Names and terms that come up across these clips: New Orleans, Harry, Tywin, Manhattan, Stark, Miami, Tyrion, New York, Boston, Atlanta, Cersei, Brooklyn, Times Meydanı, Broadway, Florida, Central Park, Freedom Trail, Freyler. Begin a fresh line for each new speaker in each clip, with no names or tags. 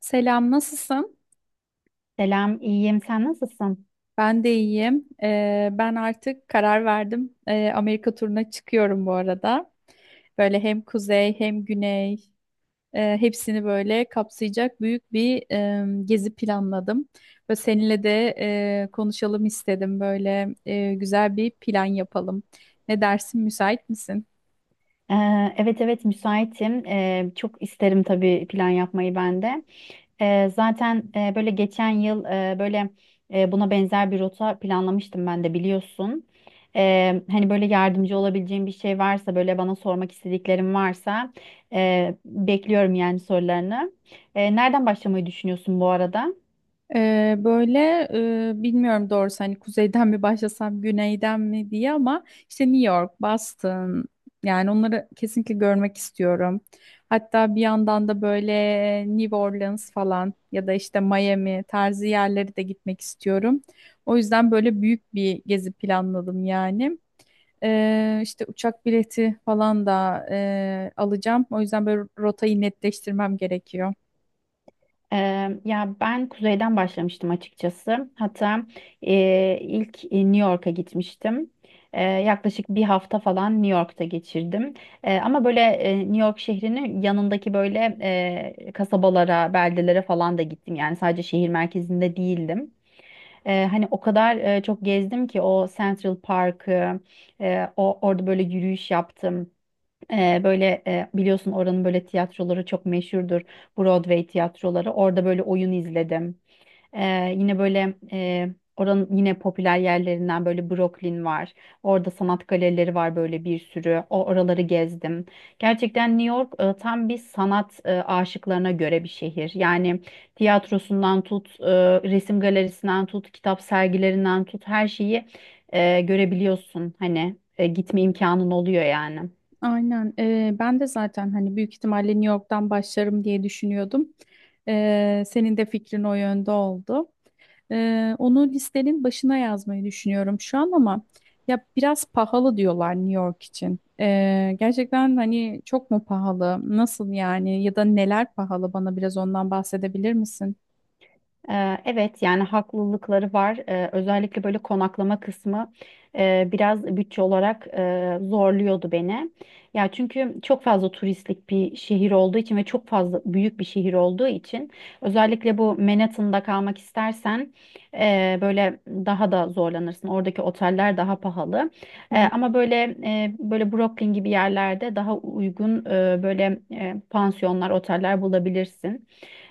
Selam, nasılsın?
Selam, iyiyim. Sen nasılsın?
Ben de iyiyim. Ben artık karar verdim. Amerika turuna çıkıyorum bu arada. Böyle hem kuzey hem güney hepsini böyle kapsayacak büyük bir gezi planladım. Ve seninle de konuşalım istedim. Böyle güzel bir plan yapalım. Ne dersin, müsait misin?
Evet, müsaitim. Çok isterim tabii plan yapmayı ben de. Zaten böyle geçen yıl böyle buna benzer bir rota planlamıştım ben de biliyorsun. Hani böyle yardımcı olabileceğim bir şey varsa böyle bana sormak istediklerim varsa bekliyorum yani sorularını. Nereden başlamayı düşünüyorsun bu arada?
Ee, böyle bilmiyorum doğrusu, hani kuzeyden mi başlasam güneyden mi diye, ama işte New York, Boston, yani onları kesinlikle görmek istiyorum. Hatta bir yandan da böyle New Orleans falan ya da işte Miami tarzı yerleri de gitmek istiyorum. O yüzden böyle büyük bir gezi planladım yani. İşte uçak bileti falan da alacağım. O yüzden böyle rotayı netleştirmem gerekiyor.
Ya ben kuzeyden başlamıştım açıkçası. Hatta ilk New York'a gitmiştim. Yaklaşık bir hafta falan New York'ta geçirdim. Ama böyle New York şehrinin yanındaki böyle kasabalara, beldelere falan da gittim. Yani sadece şehir merkezinde değildim. Hani o kadar çok gezdim ki o Central Park'ı, o orada böyle yürüyüş yaptım. Böyle biliyorsun oranın böyle tiyatroları çok meşhurdur. Broadway tiyatroları. Orada böyle oyun izledim. Yine böyle oranın yine popüler yerlerinden böyle Brooklyn var. Orada sanat galerileri var böyle bir sürü. O oraları gezdim. Gerçekten New York tam bir sanat aşıklarına göre bir şehir. Yani tiyatrosundan tut, resim galerisinden tut, kitap sergilerinden tut her şeyi görebiliyorsun. Hani gitme imkanın oluyor yani.
Aynen. Ben de zaten hani büyük ihtimalle New York'tan başlarım diye düşünüyordum. Senin de fikrin o yönde oldu. Onu listenin başına yazmayı düşünüyorum şu an, ama ya biraz pahalı diyorlar New York için. Gerçekten hani çok mu pahalı? Nasıl yani? Ya da neler pahalı? Bana biraz ondan bahsedebilir misin?
Evet yani haklılıkları var. Özellikle böyle konaklama kısmı biraz bütçe olarak zorluyordu beni. Ya çünkü çok fazla turistlik bir şehir olduğu için ve çok fazla büyük bir şehir olduğu için özellikle bu Manhattan'da kalmak istersen böyle daha da zorlanırsın. Oradaki oteller daha pahalı. Ama böyle böyle Brooklyn gibi yerlerde daha uygun böyle pansiyonlar, oteller bulabilirsin.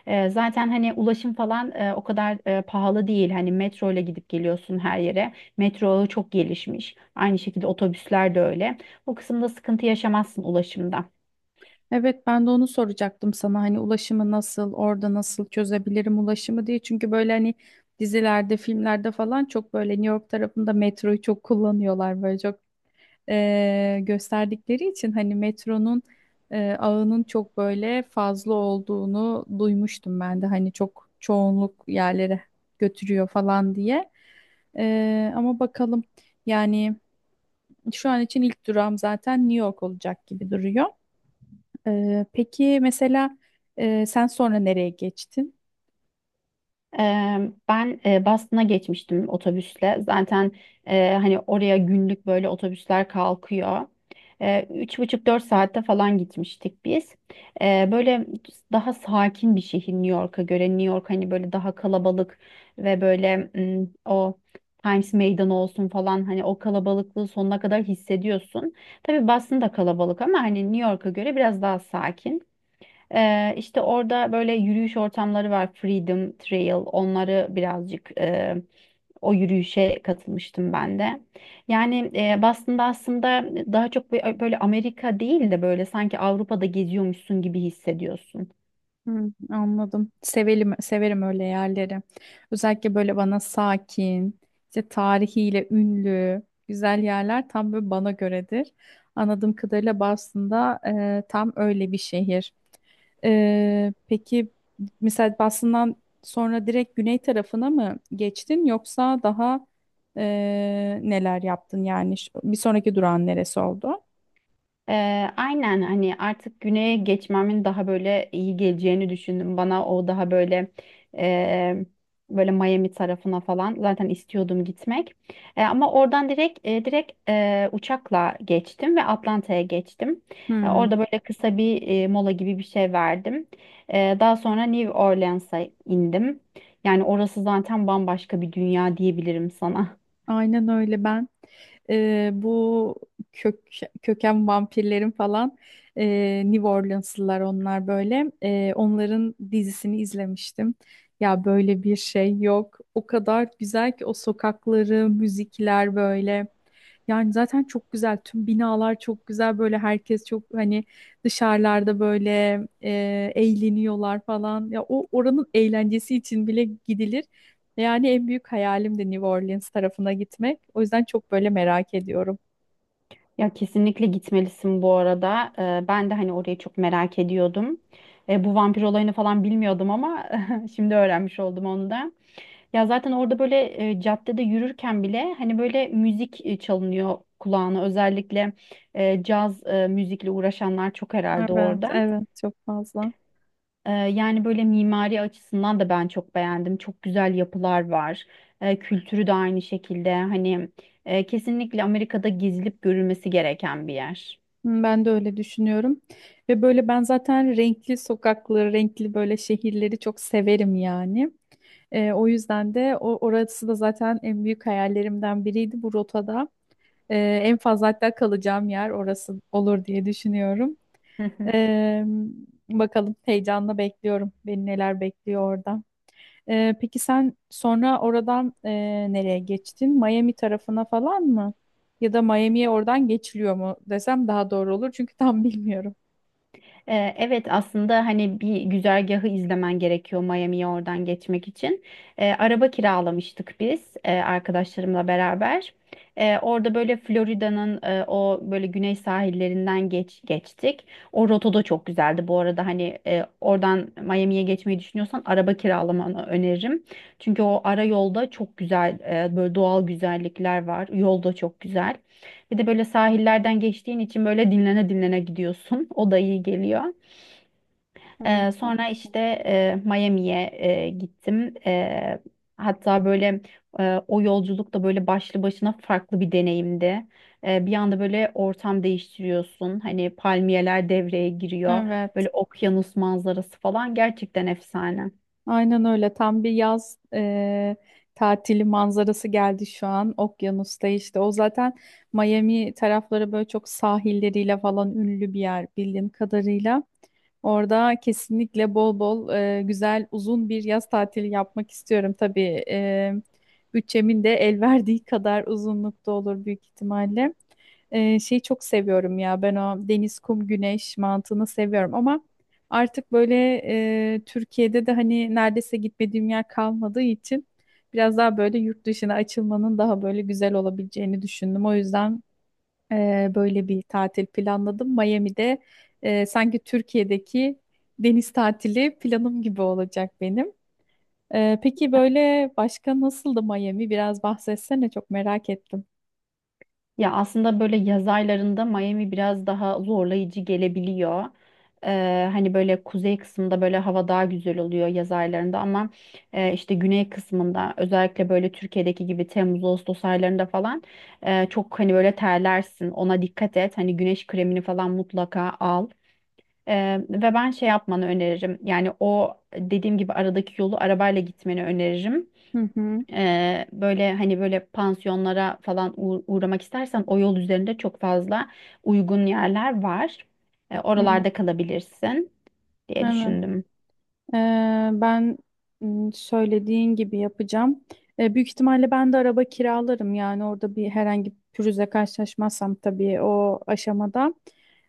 Zaten hani ulaşım falan o kadar pahalı değil. Hani metro ile gidip geliyorsun her yere. Metro ağı çok gelişmiş. Aynı şekilde otobüsler de öyle. O kısımda sıkıntı yaşamazsın ulaşımda.
Evet, ben de onu soracaktım sana, hani ulaşımı nasıl, orada nasıl çözebilirim ulaşımı diye, çünkü böyle hani dizilerde, filmlerde falan çok böyle New York tarafında metroyu çok kullanıyorlar, böyle çok gösterdikleri için, hani metronun ağının çok böyle fazla olduğunu duymuştum ben de, hani çok çoğunluk yerlere götürüyor falan diye. Ama bakalım, yani şu an için ilk durağım zaten New York olacak gibi duruyor. Peki mesela, sen sonra nereye geçtin?
Ben Boston'a geçmiştim otobüsle. Zaten hani oraya günlük böyle otobüsler kalkıyor. Üç buçuk dört saatte falan gitmiştik biz. Böyle daha sakin bir şehir New York'a göre. New York hani böyle daha kalabalık ve böyle o Times Meydanı olsun falan hani o kalabalıklığı sonuna kadar hissediyorsun. Tabii Boston da kalabalık ama hani New York'a göre biraz daha sakin. İşte orada böyle yürüyüş ortamları var. Freedom Trail. Onları birazcık o yürüyüşe katılmıştım ben de. Yani Boston'da aslında daha çok böyle Amerika değil de böyle sanki Avrupa'da geziyormuşsun gibi hissediyorsun.
Hı, anladım. Sevelim, severim öyle yerleri. Özellikle böyle bana sakin, işte tarihiyle ünlü, güzel yerler tam böyle bana göredir. Anladığım kadarıyla Boston'da tam öyle bir şehir. Peki mesela Boston'dan sonra direkt güney tarafına mı geçtin, yoksa daha e, neler yaptın yani? Bir sonraki durağın neresi oldu?
Ee, aynen hani artık güneye geçmemin daha böyle iyi geleceğini düşündüm. Bana o daha böyle e, böyle Miami tarafına falan zaten istiyordum gitmek. Ama oradan direkt uçakla geçtim ve Atlanta'ya geçtim. Orada böyle kısa bir mola gibi bir şey verdim. Daha sonra New Orleans'a indim. Yani orası zaten bambaşka bir dünya diyebilirim sana.
Aynen öyle. Ben bu kök köken vampirlerin falan, e, New Orleanslılar onlar böyle. Onların dizisini izlemiştim. Ya böyle bir şey yok. O kadar güzel ki, o sokakları, müzikler böyle. Yani zaten çok güzel. Tüm binalar çok güzel. Böyle herkes çok, hani dışarılarda böyle e, eğleniyorlar falan. Ya o oranın eğlencesi için bile gidilir. Yani en büyük hayalim de New Orleans tarafına gitmek. O yüzden çok böyle merak ediyorum.
Ya kesinlikle gitmelisin bu arada. Ben de hani orayı çok merak ediyordum. Bu vampir olayını falan bilmiyordum ama şimdi öğrenmiş oldum onu da. Ya zaten orada böyle caddede yürürken bile hani böyle müzik çalınıyor kulağına. Özellikle caz müzikle uğraşanlar çok herhalde
Evet,
orada.
evet çok fazla.
Yani böyle mimari açısından da ben çok beğendim. Çok güzel yapılar var. Kültürü de aynı şekilde. Hani kesinlikle Amerika'da gezilip görülmesi gereken bir yer.
Hmm, ben de öyle düşünüyorum. Ve böyle ben zaten renkli sokakları, renkli böyle şehirleri çok severim yani. O yüzden de orası da zaten en büyük hayallerimden biriydi bu rotada. Ee, En fazla hatta kalacağım yer orası olur diye düşünüyorum. Ee, Bakalım, heyecanla bekliyorum. Beni neler bekliyor orada. Peki sen sonra oradan nereye geçtin? Miami tarafına falan mı? Ya da Miami'ye oradan geçiliyor mu desem daha doğru olur, çünkü tam bilmiyorum.
Evet aslında hani bir güzergahı izlemen gerekiyor Miami'ye oradan geçmek için. Araba kiralamıştık biz arkadaşlarımla beraber. Orada böyle Florida'nın o böyle güney sahillerinden geçtik. O rota da çok güzeldi. Bu arada hani oradan Miami'ye geçmeyi düşünüyorsan araba kiralamanı öneririm. Çünkü o ara yolda çok güzel böyle doğal güzellikler var. Yol da çok güzel. Bir de böyle sahillerden geçtiğin için böyle dinlene dinlene gidiyorsun. O da iyi geliyor.
Hmm,
Sonra işte
haklısın.
Miami'ye gittim. Hatta böyle o yolculuk da böyle başlı başına farklı bir deneyimdi. Bir anda böyle ortam değiştiriyorsun. Hani palmiyeler devreye giriyor.
Evet,
Böyle okyanus manzarası falan gerçekten efsane.
aynen öyle. Tam bir yaz tatili manzarası geldi şu an. Okyanusta işte. O zaten Miami tarafları böyle çok sahilleriyle falan ünlü bir yer bildiğim kadarıyla. Orada kesinlikle bol bol güzel uzun bir yaz tatili yapmak istiyorum. Tabii bütçemin de el verdiği kadar uzunlukta olur büyük ihtimalle. Şeyi çok seviyorum ya, ben o deniz, kum, güneş mantığını seviyorum, ama artık böyle Türkiye'de de hani neredeyse gitmediğim yer kalmadığı için biraz daha böyle yurt dışına açılmanın daha böyle güzel olabileceğini düşündüm. O yüzden böyle bir tatil planladım. Miami'de sanki Türkiye'deki deniz tatili planım gibi olacak benim. Peki böyle başka nasıldı Miami? Biraz bahsetsene, çok merak ettim.
Ya aslında böyle yaz aylarında Miami biraz daha zorlayıcı gelebiliyor. Hani böyle kuzey kısmında böyle hava daha güzel oluyor yaz aylarında ama işte güney kısmında özellikle böyle Türkiye'deki gibi Temmuz Ağustos aylarında falan çok hani böyle terlersin. Ona dikkat et. Hani güneş kremini falan mutlaka al. Ve ben şey yapmanı öneririm. Yani o dediğim gibi aradaki yolu arabayla gitmeni öneririm.
Hı hı.
Böyle hani böyle pansiyonlara falan uğramak istersen o yol üzerinde çok fazla uygun yerler var.
Hı.
Oralarda kalabilirsin diye
Evet.
düşündüm.
Ben söylediğin gibi yapacağım. Büyük ihtimalle ben de araba kiralarım yani orada, bir herhangi bir pürüzle karşılaşmazsam tabii o aşamada.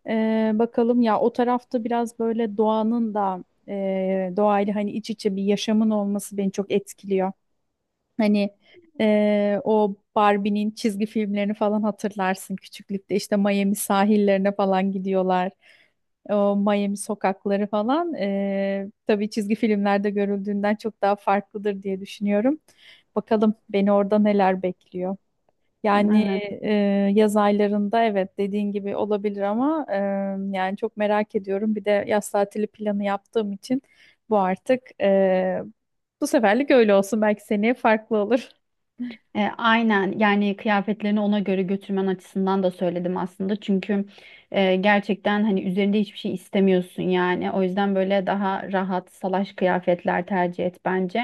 Bakalım, ya o tarafta biraz böyle doğanın da doğayla hani iç içe bir yaşamın olması beni çok etkiliyor. Hani o Barbie'nin çizgi filmlerini falan hatırlarsın küçüklükte, İşte Miami sahillerine falan gidiyorlar. O Miami sokakları falan tabii çizgi filmlerde görüldüğünden çok daha farklıdır diye düşünüyorum. Bakalım beni orada neler bekliyor. Yani
Evet.
e, yaz aylarında, evet, dediğin gibi olabilir, ama yani çok merak ediyorum. Bir de yaz tatili planı yaptığım için artık bu seferlik öyle olsun. Belki seneye farklı olur.
Aynen yani kıyafetlerini ona göre götürmen açısından da söyledim aslında. Çünkü gerçekten hani üzerinde hiçbir şey istemiyorsun yani. O yüzden böyle daha rahat salaş kıyafetler tercih et bence.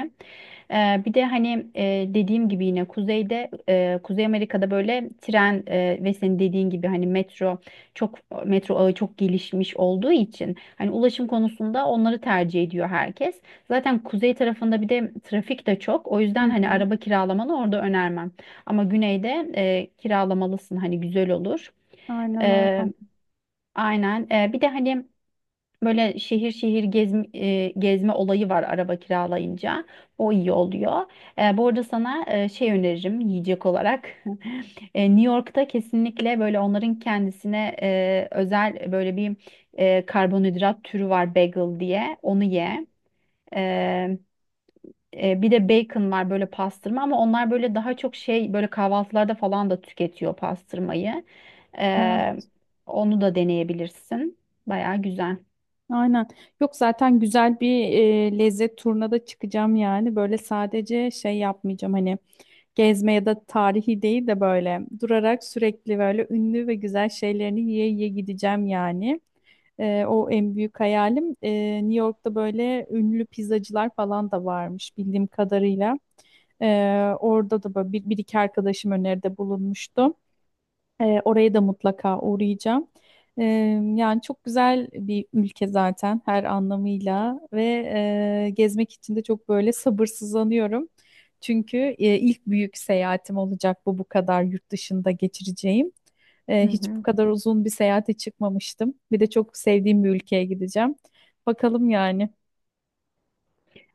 Bir de hani dediğim gibi yine kuzeyde Kuzey Amerika'da böyle tren ve senin dediğin gibi hani çok metro ağı çok gelişmiş olduğu için hani ulaşım konusunda onları tercih ediyor herkes. Zaten kuzey tarafında bir de trafik de çok. O yüzden
Hı
hani
hı.
araba kiralamanı orada önermem. Ama güneyde kiralamalısın hani güzel olur.
Aynen
E,
öyle.
aynen. Bir de hani böyle şehir şehir gezme olayı var araba kiralayınca. O iyi oluyor. Bu arada sana şey öneririm yiyecek olarak. New York'ta kesinlikle böyle onların kendisine özel böyle bir karbonhidrat türü var bagel diye. Onu ye. E, Bir de bacon var böyle pastırma ama onlar böyle daha çok şey böyle kahvaltılarda falan da tüketiyor pastırmayı.
Evet.
E, Onu da deneyebilirsin. Baya güzel.
Aynen. Yok, zaten güzel bir lezzet turuna da çıkacağım yani. Böyle sadece şey yapmayacağım hani. Gezme ya da tarihi değil de böyle durarak sürekli böyle ünlü ve güzel şeylerini yiye yiye gideceğim yani. O en büyük hayalim. New York'ta böyle ünlü pizzacılar falan da varmış bildiğim kadarıyla. Orada da böyle bir, bir iki arkadaşım öneride bulunmuştu. Oraya da mutlaka uğrayacağım. Ee, Yani çok güzel bir ülke zaten her anlamıyla, ve gezmek için de çok böyle sabırsızlanıyorum. Çünkü ilk büyük seyahatim olacak, bu kadar yurt dışında geçireceğim.
Hı
Hiç bu
hı.
kadar uzun bir seyahate çıkmamıştım. Bir de çok sevdiğim bir ülkeye gideceğim. Bakalım yani.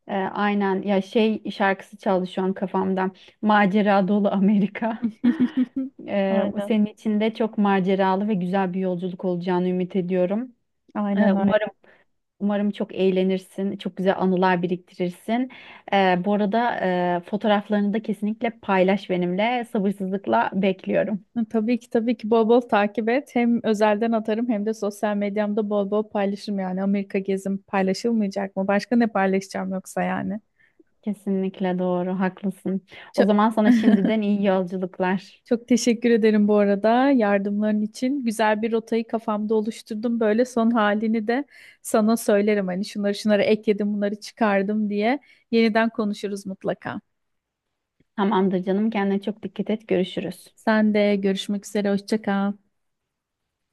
Aynen ya şey şarkısı çaldı şu an kafamda. Macera dolu Amerika.
Aynen,
Senin için de çok maceralı ve güzel bir yolculuk olacağını ümit ediyorum. E,
aynen
umarım
öyle.
Umarım çok eğlenirsin, çok güzel anılar biriktirirsin. Bu arada fotoğraflarını da kesinlikle paylaş benimle. Sabırsızlıkla bekliyorum.
Hı, tabii ki tabii ki, bol bol takip et. Hem özelden atarım hem de sosyal medyamda bol bol paylaşırım yani. Amerika gezim paylaşılmayacak mı? Başka ne paylaşacağım yoksa yani?
Kesinlikle doğru, haklısın. O
Çok,
zaman sana şimdiden iyi yolculuklar.
çok teşekkür ederim bu arada yardımların için. Güzel bir rotayı kafamda oluşturdum. Böyle son halini de sana söylerim. Hani şunları şunları ekledim, bunları çıkardım diye. Yeniden konuşuruz mutlaka.
Tamamdır canım, kendine çok dikkat et. Görüşürüz.
Sen de görüşmek üzere. Hoşça kal.